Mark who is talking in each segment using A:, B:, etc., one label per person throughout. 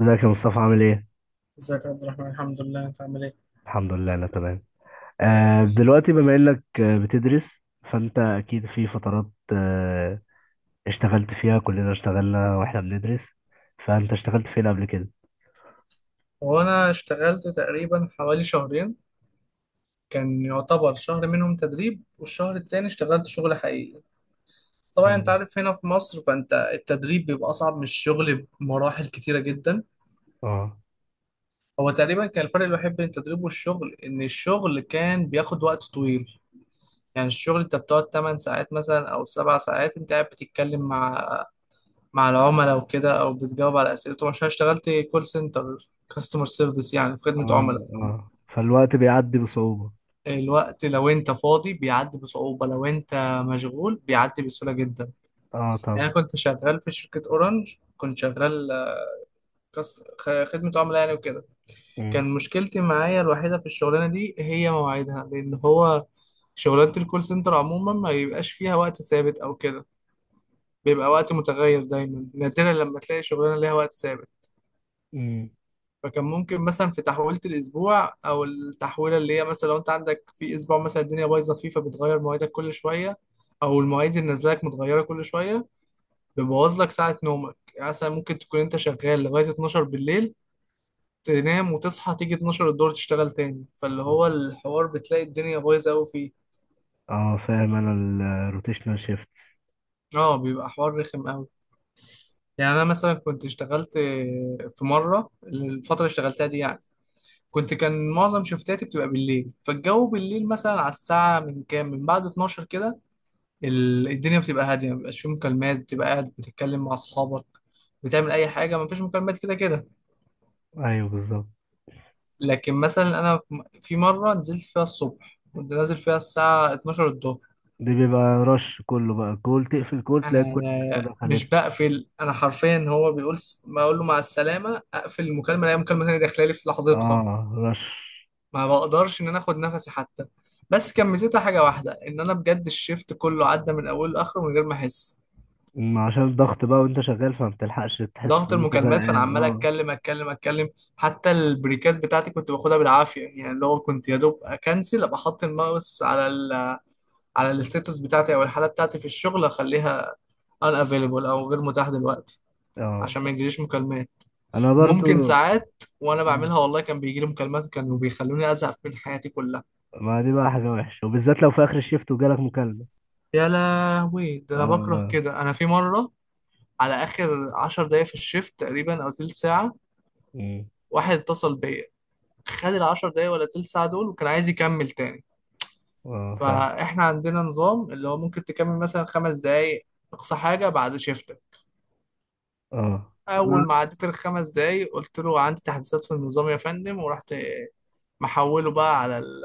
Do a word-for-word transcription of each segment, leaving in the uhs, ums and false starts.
A: ازيك يا مصطفى عامل ايه؟
B: ازيك يا عبد الرحمن، الحمد لله، انت عامل ايه؟
A: الحمد لله انا تمام. آه دلوقتي بما انك آه، بتدرس، فانت اكيد في فترات آه اشتغلت فيها. كلنا اشتغلنا واحنا بندرس، فانت اشتغلت فين قبل كده؟
B: هو انا اشتغلت تقريبا حوالي شهرين. كان يعتبر شهر منهم تدريب والشهر التاني اشتغلت شغل حقيقي. طبعا انت
A: مم.
B: عارف هنا في مصر فانت التدريب بيبقى اصعب من الشغل بمراحل كتيرة جدا.
A: اه.
B: هو تقريبا كان الفرق الوحيد بين التدريب والشغل ان الشغل كان بياخد وقت طويل. يعني الشغل انت بتقعد 8 ساعات مثلا او 7 ساعات انت قاعد بتتكلم مع مع العملاء وكده، او بتجاوب على اسئلتهم عشان اشتغلت كول سنتر، كاستمر سيرفيس، يعني في خدمة
A: اه
B: عملاء.
A: اه فالوقت بيعدي بصعوبة.
B: الوقت لو انت فاضي بيعدي بصعوبة، لو انت مشغول بيعدي بسهولة جدا.
A: اه
B: يعني
A: طبعا.
B: انا كنت شغال في شركة اورنج، كنت شغال آه، كاست- خ- خدمة عملاء يعني وكده.
A: مم.
B: كان مشكلتي معايا الوحيدة في الشغلانة دي هي مواعيدها، لان هو شغلانة الكول سنتر عموما ما بيبقاش فيها وقت ثابت او كده، بيبقى وقت متغير دايما، نادرا لما تلاقي شغلانة ليها وقت ثابت.
A: مم.
B: فكان ممكن مثلا في تحويلة الأسبوع أو التحويلة اللي هي مثلا لو أنت عندك في أسبوع مثلا الدنيا بايظة فيه، فبتغير مواعيدك كل شوية، أو المواعيد اللي نازلك متغيرة كل شوية. بيبوظ لك ساعة نومك، يعني مثلا ممكن تكون أنت شغال لغاية اتناشر بالليل، تنام وتصحى تيجي اتناشر الدور تشتغل تاني، فاللي هو الحوار بتلاقي الدنيا بايظة أوي فيه.
A: اه فاهم انا، الروتيشنال شيفت.
B: اه بيبقى حوار رخم أوي. يعني أنا مثلا كنت اشتغلت في مرة، الفترة اللي اشتغلتها دي يعني، كنت كان معظم شفتاتي بتبقى بالليل، فالجو بالليل مثلا على الساعة من كام من بعد اتناشر كده، ال- الدنيا بتبقى هادية، مبيبقاش فيه مكالمات، بتبقى قاعد بتتكلم مع أصحابك، بتعمل أي حاجة، مفيش مكالمات كده كده.
A: ايوه بالظبط،
B: لكن مثلا أنا في م- في مرة نزلت فيها الصبح، كنت نازل فيها الساعة اتناشر الظهر.
A: دي بيبقى رش كله بقى. كول تقفل، كول تلاقي كل
B: أنا
A: التانية
B: مش
A: دخلت.
B: بقفل، أنا حرفيا هو بيقول س- ما أقول له مع السلامة أقفل المكالمة ألاقي مكالمة تانية داخلة لي في لحظتها.
A: اه رش.
B: ما بقدرش ان انا اخد نفسي حتى. بس كان ميزتها حاجه واحده، ان انا بجد الشيفت كله عدى من اوله لاخره من غير ما احس
A: ما عشان الضغط بقى وانت شغال فما بتلحقش تحس
B: ضغط
A: ان انت
B: المكالمات، فانا
A: زهقان.
B: عمال
A: اه.
B: اتكلم اتكلم اتكلم. حتى البريكات بتاعتي كنت باخدها بالعافيه، يعني اللي هو كنت يا دوب اكنسل ابقى احط الماوس على ال، على الستاتس بتاعتي او الحاله بتاعتي في الشغل، اخليها ان افيلبل او غير متاح دلوقتي عشان ما
A: اه
B: يجيليش مكالمات.
A: انا برضو.
B: وممكن ساعات وانا بعملها والله كان بيجيلي مكالمات كانوا بيخلوني ازهق من حياتي كلها.
A: ما دي بقى حاجة وحشة، وبالذات لو في اخر الشيفت وجالك مكالمة.
B: يا لهوي، ده انا بكره
A: اه.
B: كده. انا في مره على اخر عشر دقايق في الشيفت تقريبا او تلت ساعه،
A: مم.
B: واحد اتصل بيا، خد العشر دقايق ولا تلت ساعه دول، وكان عايز يكمل تاني.
A: اه فاهم.
B: فاحنا عندنا نظام اللي هو ممكن تكمل مثلا خمس دقايق اقصى حاجه بعد شيفتك.
A: اه
B: اول
A: انا
B: ما عديت الخمس دقايق قلت له عندي تحديثات في النظام يا فندم، ورحت محوله بقى على ال،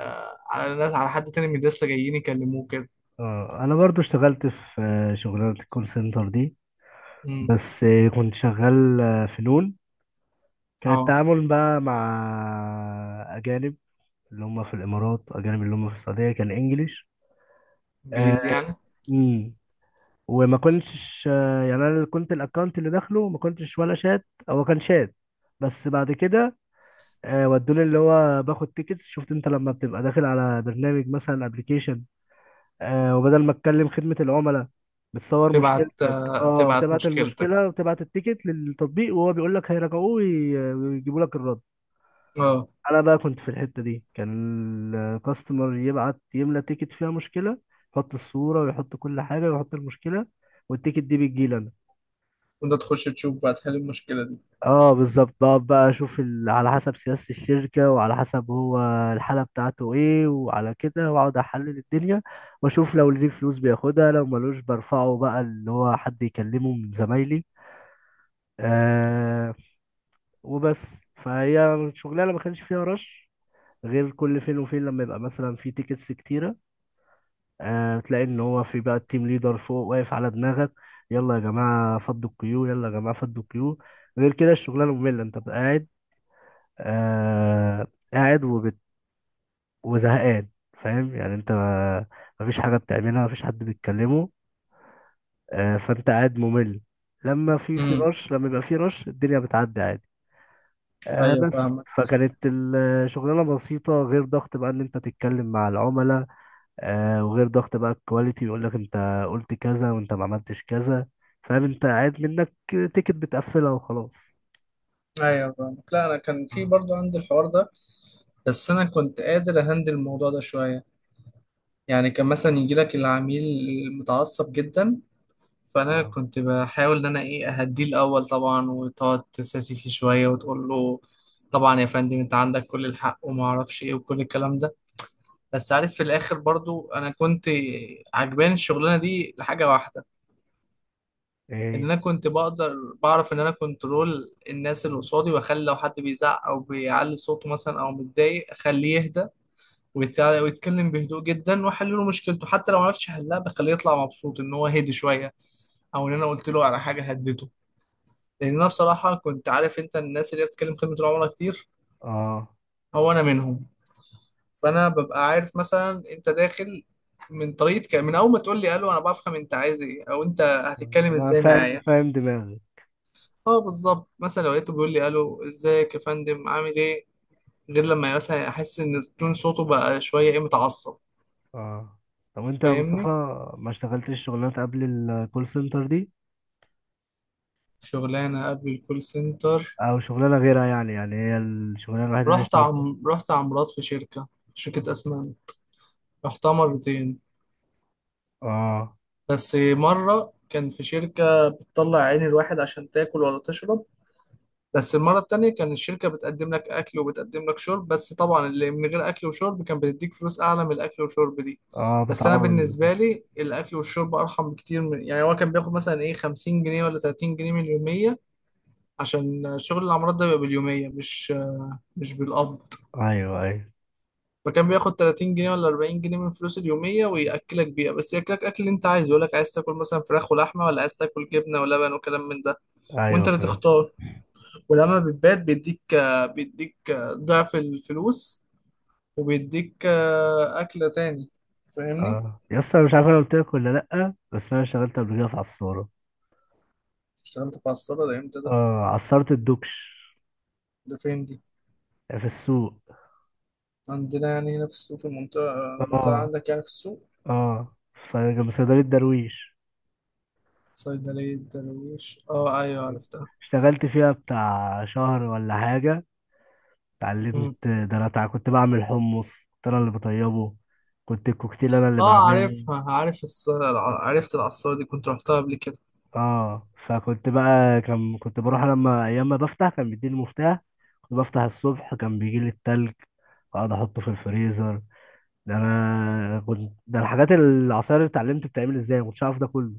B: على الناس، على حد تاني من لسه جايين يكلموه كده.
A: اه انا برضو اشتغلت في آه، شغلانة الكول سنتر دي،
B: امم.
A: بس آه، كنت شغال آه، في نون. كان
B: اه،
A: التعامل بقى مع اجانب، اللي هم في الامارات اجانب، اللي هم في السعودية كان
B: انجليزي
A: انجليش.
B: يعني.
A: وما كنتش آه، يعني، انا اللي كنت الاكونت اللي داخله ما كنتش ولا شات، هو كان شات. بس بعد كده آه، ودوني اللي هو باخد تيكتس. شفت انت لما بتبقى داخل على برنامج، مثلا ابلكيشن، وبدل ما تكلم خدمة العملاء، بتصور
B: تبعت
A: مشكلتك،
B: آه،
A: اه
B: تبعت
A: تبعت
B: مشكلتك،
A: المشكلة وتبعت التيكت للتطبيق، وهو بيقول لك هيراجعوه وي- ويجيبوا لك الرد.
B: اه.
A: انا بقى كنت في الحتة دي، كان الكاستمر يبعت يملى تيكت فيها مشكلة، يحط الصورة ويحط كل حاجة ويحط المشكلة، والتيكت دي بتجيلنا.
B: وانت تخش تشوف بقى تحل المشكله دي.
A: اه بالظبط، بقعد بقى اشوف ال... على حسب سياسة الشركة وعلى حسب هو الحالة بتاعته ايه وعلى كده، واقعد احلل الدنيا واشوف لو ليه فلوس بياخدها، لو ملوش برفعه بقى، اللي هو حد يكلمه من زمايلي. آه وبس. فهي شغلانة ما كانش فيها رش، غير كل فين وفين لما يبقى مثلا في تيكتس كتيرة، آه تلاقي ان هو في بقى التيم ليدر فوق واقف على دماغك: يلا يا جماعة فضوا القيود، يلا يا جماعة فضوا القيود. غير كده الشغلانة مملة، انت بقى قاعد، آه، قاعد وبت... وزهقان. فاهم يعني، انت ما مفيش حاجة بتعملها، مفيش حد بيتكلمه، آه، فانت قاعد ممل. لما في في
B: امم.
A: رش، لما يبقى في رش، الدنيا بتعدي عادي. آه.
B: ايوه
A: بس
B: فاهمك.
A: فكانت الشغلانة بسيطة، غير ضغط بقى ان انت تتكلم مع العملاء، آه، وغير ضغط بقى الكواليتي يقول لك انت قلت كذا وانت ما عملتش كذا. فاهم، انت قاعد منك تيكت بتقفلها وخلاص.
B: ايوه فاهمك، لا انا كان في
A: اه.
B: برضو عندي الحوار ده، بس انا كنت قادر اهندل الموضوع ده شويه. يعني كان مثلا يجي لك العميل المتعصب جدا، فانا
A: اه.
B: كنت بحاول ان انا ايه اهديه الاول طبعا، وتقعد تساسي فيه شويه وتقول له طبعا يا فندم انت عندك كل الحق وما اعرفش ايه وكل الكلام ده. بس عارف في الاخر برضو انا كنت عجباني الشغلانه دي لحاجه واحده، ان
A: ايه.
B: انا كنت بقدر بعرف ان انا كنترول الناس اللي قصادي، واخلي لو حد بيزعق او بيعلي صوته مثلا او متضايق اخليه يهدى ويتع- ويتكلم بهدوء جدا، واحل له مشكلته، حتى لو ما عرفتش احلها بخليه يطلع مبسوط ان هو هدي شويه، او ان انا قلت له على حاجه هدته. لان انا بصراحه كنت عارف انت الناس اللي هي بتتكلم كلمه العملاء كتير،
A: اه
B: هو انا منهم. فانا ببقى عارف مثلا انت داخل من طريقه ك- من اول ما تقول لي الو انا بفهم انت عايز ايه او انت هتتكلم
A: انا
B: ازاي
A: فاهم،
B: معايا.
A: فاهم دماغي.
B: اه بالظبط، مثلا لو لقيته بيقول لي الو، ازيك يا فندم عامل ايه، غير لما مثلا احس ان تون صوته بقى شويه ايه، متعصب.
A: اه. طب انت يا مصطفى
B: فاهمني؟
A: ما اشتغلتش شغلانات قبل الكول سنتر دي،
B: شغلانه قبل الكول سنتر؟
A: او شغلانه غيرها يعني؟ يعني هي الشغلانه الوحيده اللي
B: رحت
A: اشتغلتها.
B: عم رحت عمارات في شركه شركه اسمنت، رحتها مرتين.
A: اه.
B: بس مره كان في شركه بتطلع عين الواحد عشان تاكل ولا تشرب. بس المرة التانية كان الشركة بتقدم لك أكل وبتقدم لك شرب، بس طبعا اللي من غير أكل وشرب كان بتديك فلوس أعلى من الأكل والشرب دي.
A: اه،
B: بس أنا
A: بتعوض
B: بالنسبة
A: الأسر.
B: لي الأكل والشرب أرحم بكتير، من يعني هو كان بياخد مثلا إيه خمسين جنيه ولا تلاتين جنيه من اليومية، عشان شغل العمارات ده بيبقى باليومية مش مش بالقبض.
A: ايوه ايوه.
B: فكان بياخد تلاتين جنيه ولا اربعين جنيه من فلوس اليومية ويأكلك بيها، بس يأكلك أكل اللي أنت عايزه، يقولك عايز تاكل مثلا فراخ ولحمة ولا عايز تاكل جبنة ولبن وكلام من ده. وأنت
A: ايوه
B: اللي
A: فاهم.
B: تختار. ولما بتبات بيديك بيديك ضعف الفلوس، وبيديك أكلة تاني. فاهمني؟
A: اه يا اسطى، أنا مش عارف انا قلت لك ولا لا، بس انا اشتغلت قبل كده في عصاره.
B: اشتغلت في الصالة ده امتى ده؟
A: اه، عصرت الدكش.
B: ده فين دي؟
A: في السوق.
B: عندنا يعني هنا في السوق، في المنطقة المنطقة
A: اه.
B: عندك يعني في السوق.
A: اه في صيد- جنب صيدليه درويش.
B: صيدلية درويش، اه ايوه عرفتها.
A: اشتغلت فيها بتاع شهر ولا حاجه.
B: مم.
A: اتعلمت، ده انا تع- كنت بعمل حمص، كنت انا اللي بطيبه، كنت الكوكتيل انا اللي
B: اه
A: بعمله.
B: عارفها، عارف الص... الع- عرفت العصارة دي، كنت رحتها قبل كده.
A: اه. فكنت بقى، كان كنت بروح لما ايام ما بفتح كان بيديني المفتاح، كنت بفتح الصبح، كان بيجي لي التلج واقعد احطه في الفريزر. ده انا كنت، ده الحاجات العصاير اللي اتعلمت بتعمل ازاي، ما كنتش اعرف ده كله، ما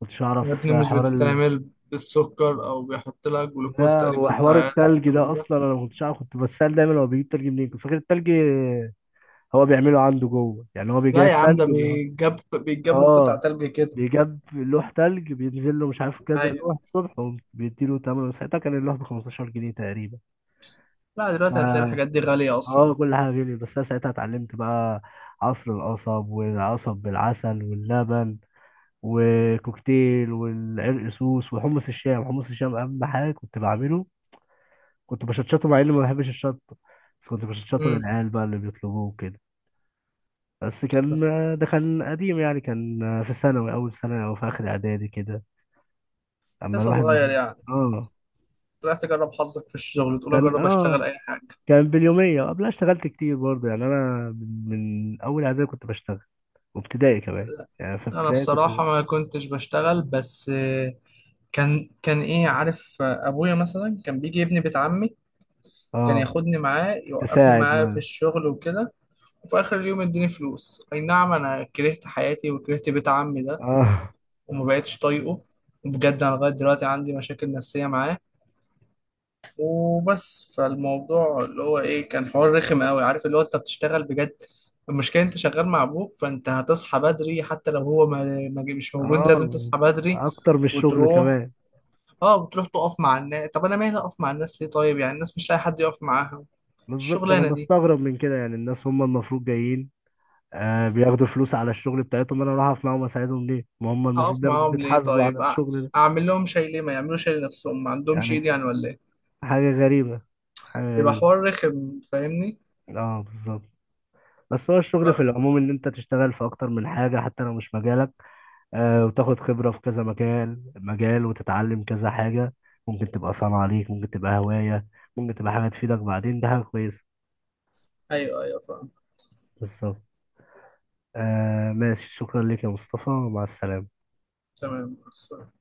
A: كنتش
B: يا
A: اعرف
B: ابني مش
A: حوار ال...
B: بتتعمل بالسكر او بيحط لك جلوكوز
A: لا
B: تقريبا
A: وحوار
B: ساعات
A: التلج
B: وكلام من
A: ده
B: ده.
A: اصلا انا ما كنتش اعرف، كنت بتسال دايما هو بيجيب تلج منين، كنت فاكر التلج هو بيعمله عنده جوه، يعني هو
B: لا
A: بيجهز
B: يا عم، ده
A: تلج وبيحط.
B: بيتجاب بيتجاب له قطع
A: اه.
B: تلج كده.
A: بيجاب لوح تلج، بينزل له مش عارف كذا
B: ايوه.
A: لوح الصبح، وبيديله تمن، ساعتها كان اللوح ب خمستاشر جنيه تقريبا.
B: لا دلوقتي هتلاقي
A: ف-
B: الحاجات دي غالية أصلا.
A: اه كل حاجة غالية، بس أنا ساعتها اتعلمت بقى عصر القصب، والعصب بالعسل واللبن، وكوكتيل، والعرق سوس، وحمص الشام. حمص الشام أهم حاجة كنت بعمله، كنت بشطشطه مع إني ما بحبش الشطة، بس كنت بشطشطه
B: امم.
A: للعيال بقى اللي بيطلبوه كده. بس كان،
B: بس
A: ده كان قديم يعني، كان في ثانوي، أول ثانوي، أو في آخر إعدادي كده. أما
B: لسه
A: الواحد،
B: صغير يعني،
A: اه.
B: طلعت أجرب حظك في الشغل، تقول
A: كان
B: أجرب
A: اه
B: أشتغل أي حاجة.
A: كان باليومية. قبلها اشتغلت كتير برضه، يعني أنا من، من أول إعدادي كنت بشتغل، وابتدائي كمان. يعني في
B: أنا
A: ابتدائي كنت.
B: بصراحة ما كنتش بشتغل، بس آه، كان كان إيه عارف، آه، أبويا مثلا كان بيجي ابني بيت عمي، كان
A: اه
B: ياخدني معاه يوقفني
A: تساعد
B: معاه في
A: معاه.
B: الشغل وكده. وفي آخر اليوم يديني فلوس، أي نعم. أنا كرهت حياتي وكرهت بيت عمي ده،
A: اه.
B: وما بقتش طايقه. وبجد أنا لغاية دلوقتي عندي مشاكل نفسية معاه. وبس. فالموضوع اللي هو ايه كان حوار رخم قوي، عارف اللي هو انت بتشتغل بجد. المشكله انت شغال مع ابوك فانت هتصحى بدري، حتى لو هو ما ما جه- مش موجود، انت لازم
A: اه
B: تصحى بدري
A: أكتر من الشغل
B: وتروح.
A: كمان.
B: اه بتروح تقف مع الناس، طب انا مالي اقف مع الناس ليه؟ طيب يعني الناس مش لاقي حد يقف معاها؟
A: بالظبط، أنا
B: الشغلانه دي،
A: بستغرب من كده. يعني الناس هم المفروض جايين، آه، بياخدوا فلوس على الشغل بتاعتهم، أنا أروح أقف معاهم أساعدهم ليه؟ ما هم المفروض
B: اقف
A: بياخدوا،
B: معاهم ليه؟
A: بيتحاسبوا على
B: طيب أع-
A: الشغل ده
B: اعمل لهم شيء ليه؟ ما يعملوش شيء لنفسهم، ما عندهمش
A: يعني.
B: ايد يعني ولا ايه؟
A: حاجة غريبة، حاجة
B: يبقى
A: غريبة.
B: حوار رخم فاهمني.
A: اه بالظبط. بس هو الشغل في
B: ف...
A: العموم، ان انت تشتغل في اكتر من حاجة حتى لو مش مجالك، آه، وتاخد خبرة في كذا مكان، مجال، وتتعلم كذا حاجة. ممكن تبقى صنعة ليك، ممكن تبقى هواية، ممكن تبقى حاجة تفيدك بعدين، ده حاجة كويسة.
B: ايوه ايوه فاهم.
A: بالظبط. آه ماشي، شكرا لك يا مصطفى، مع السلامة.
B: تمام.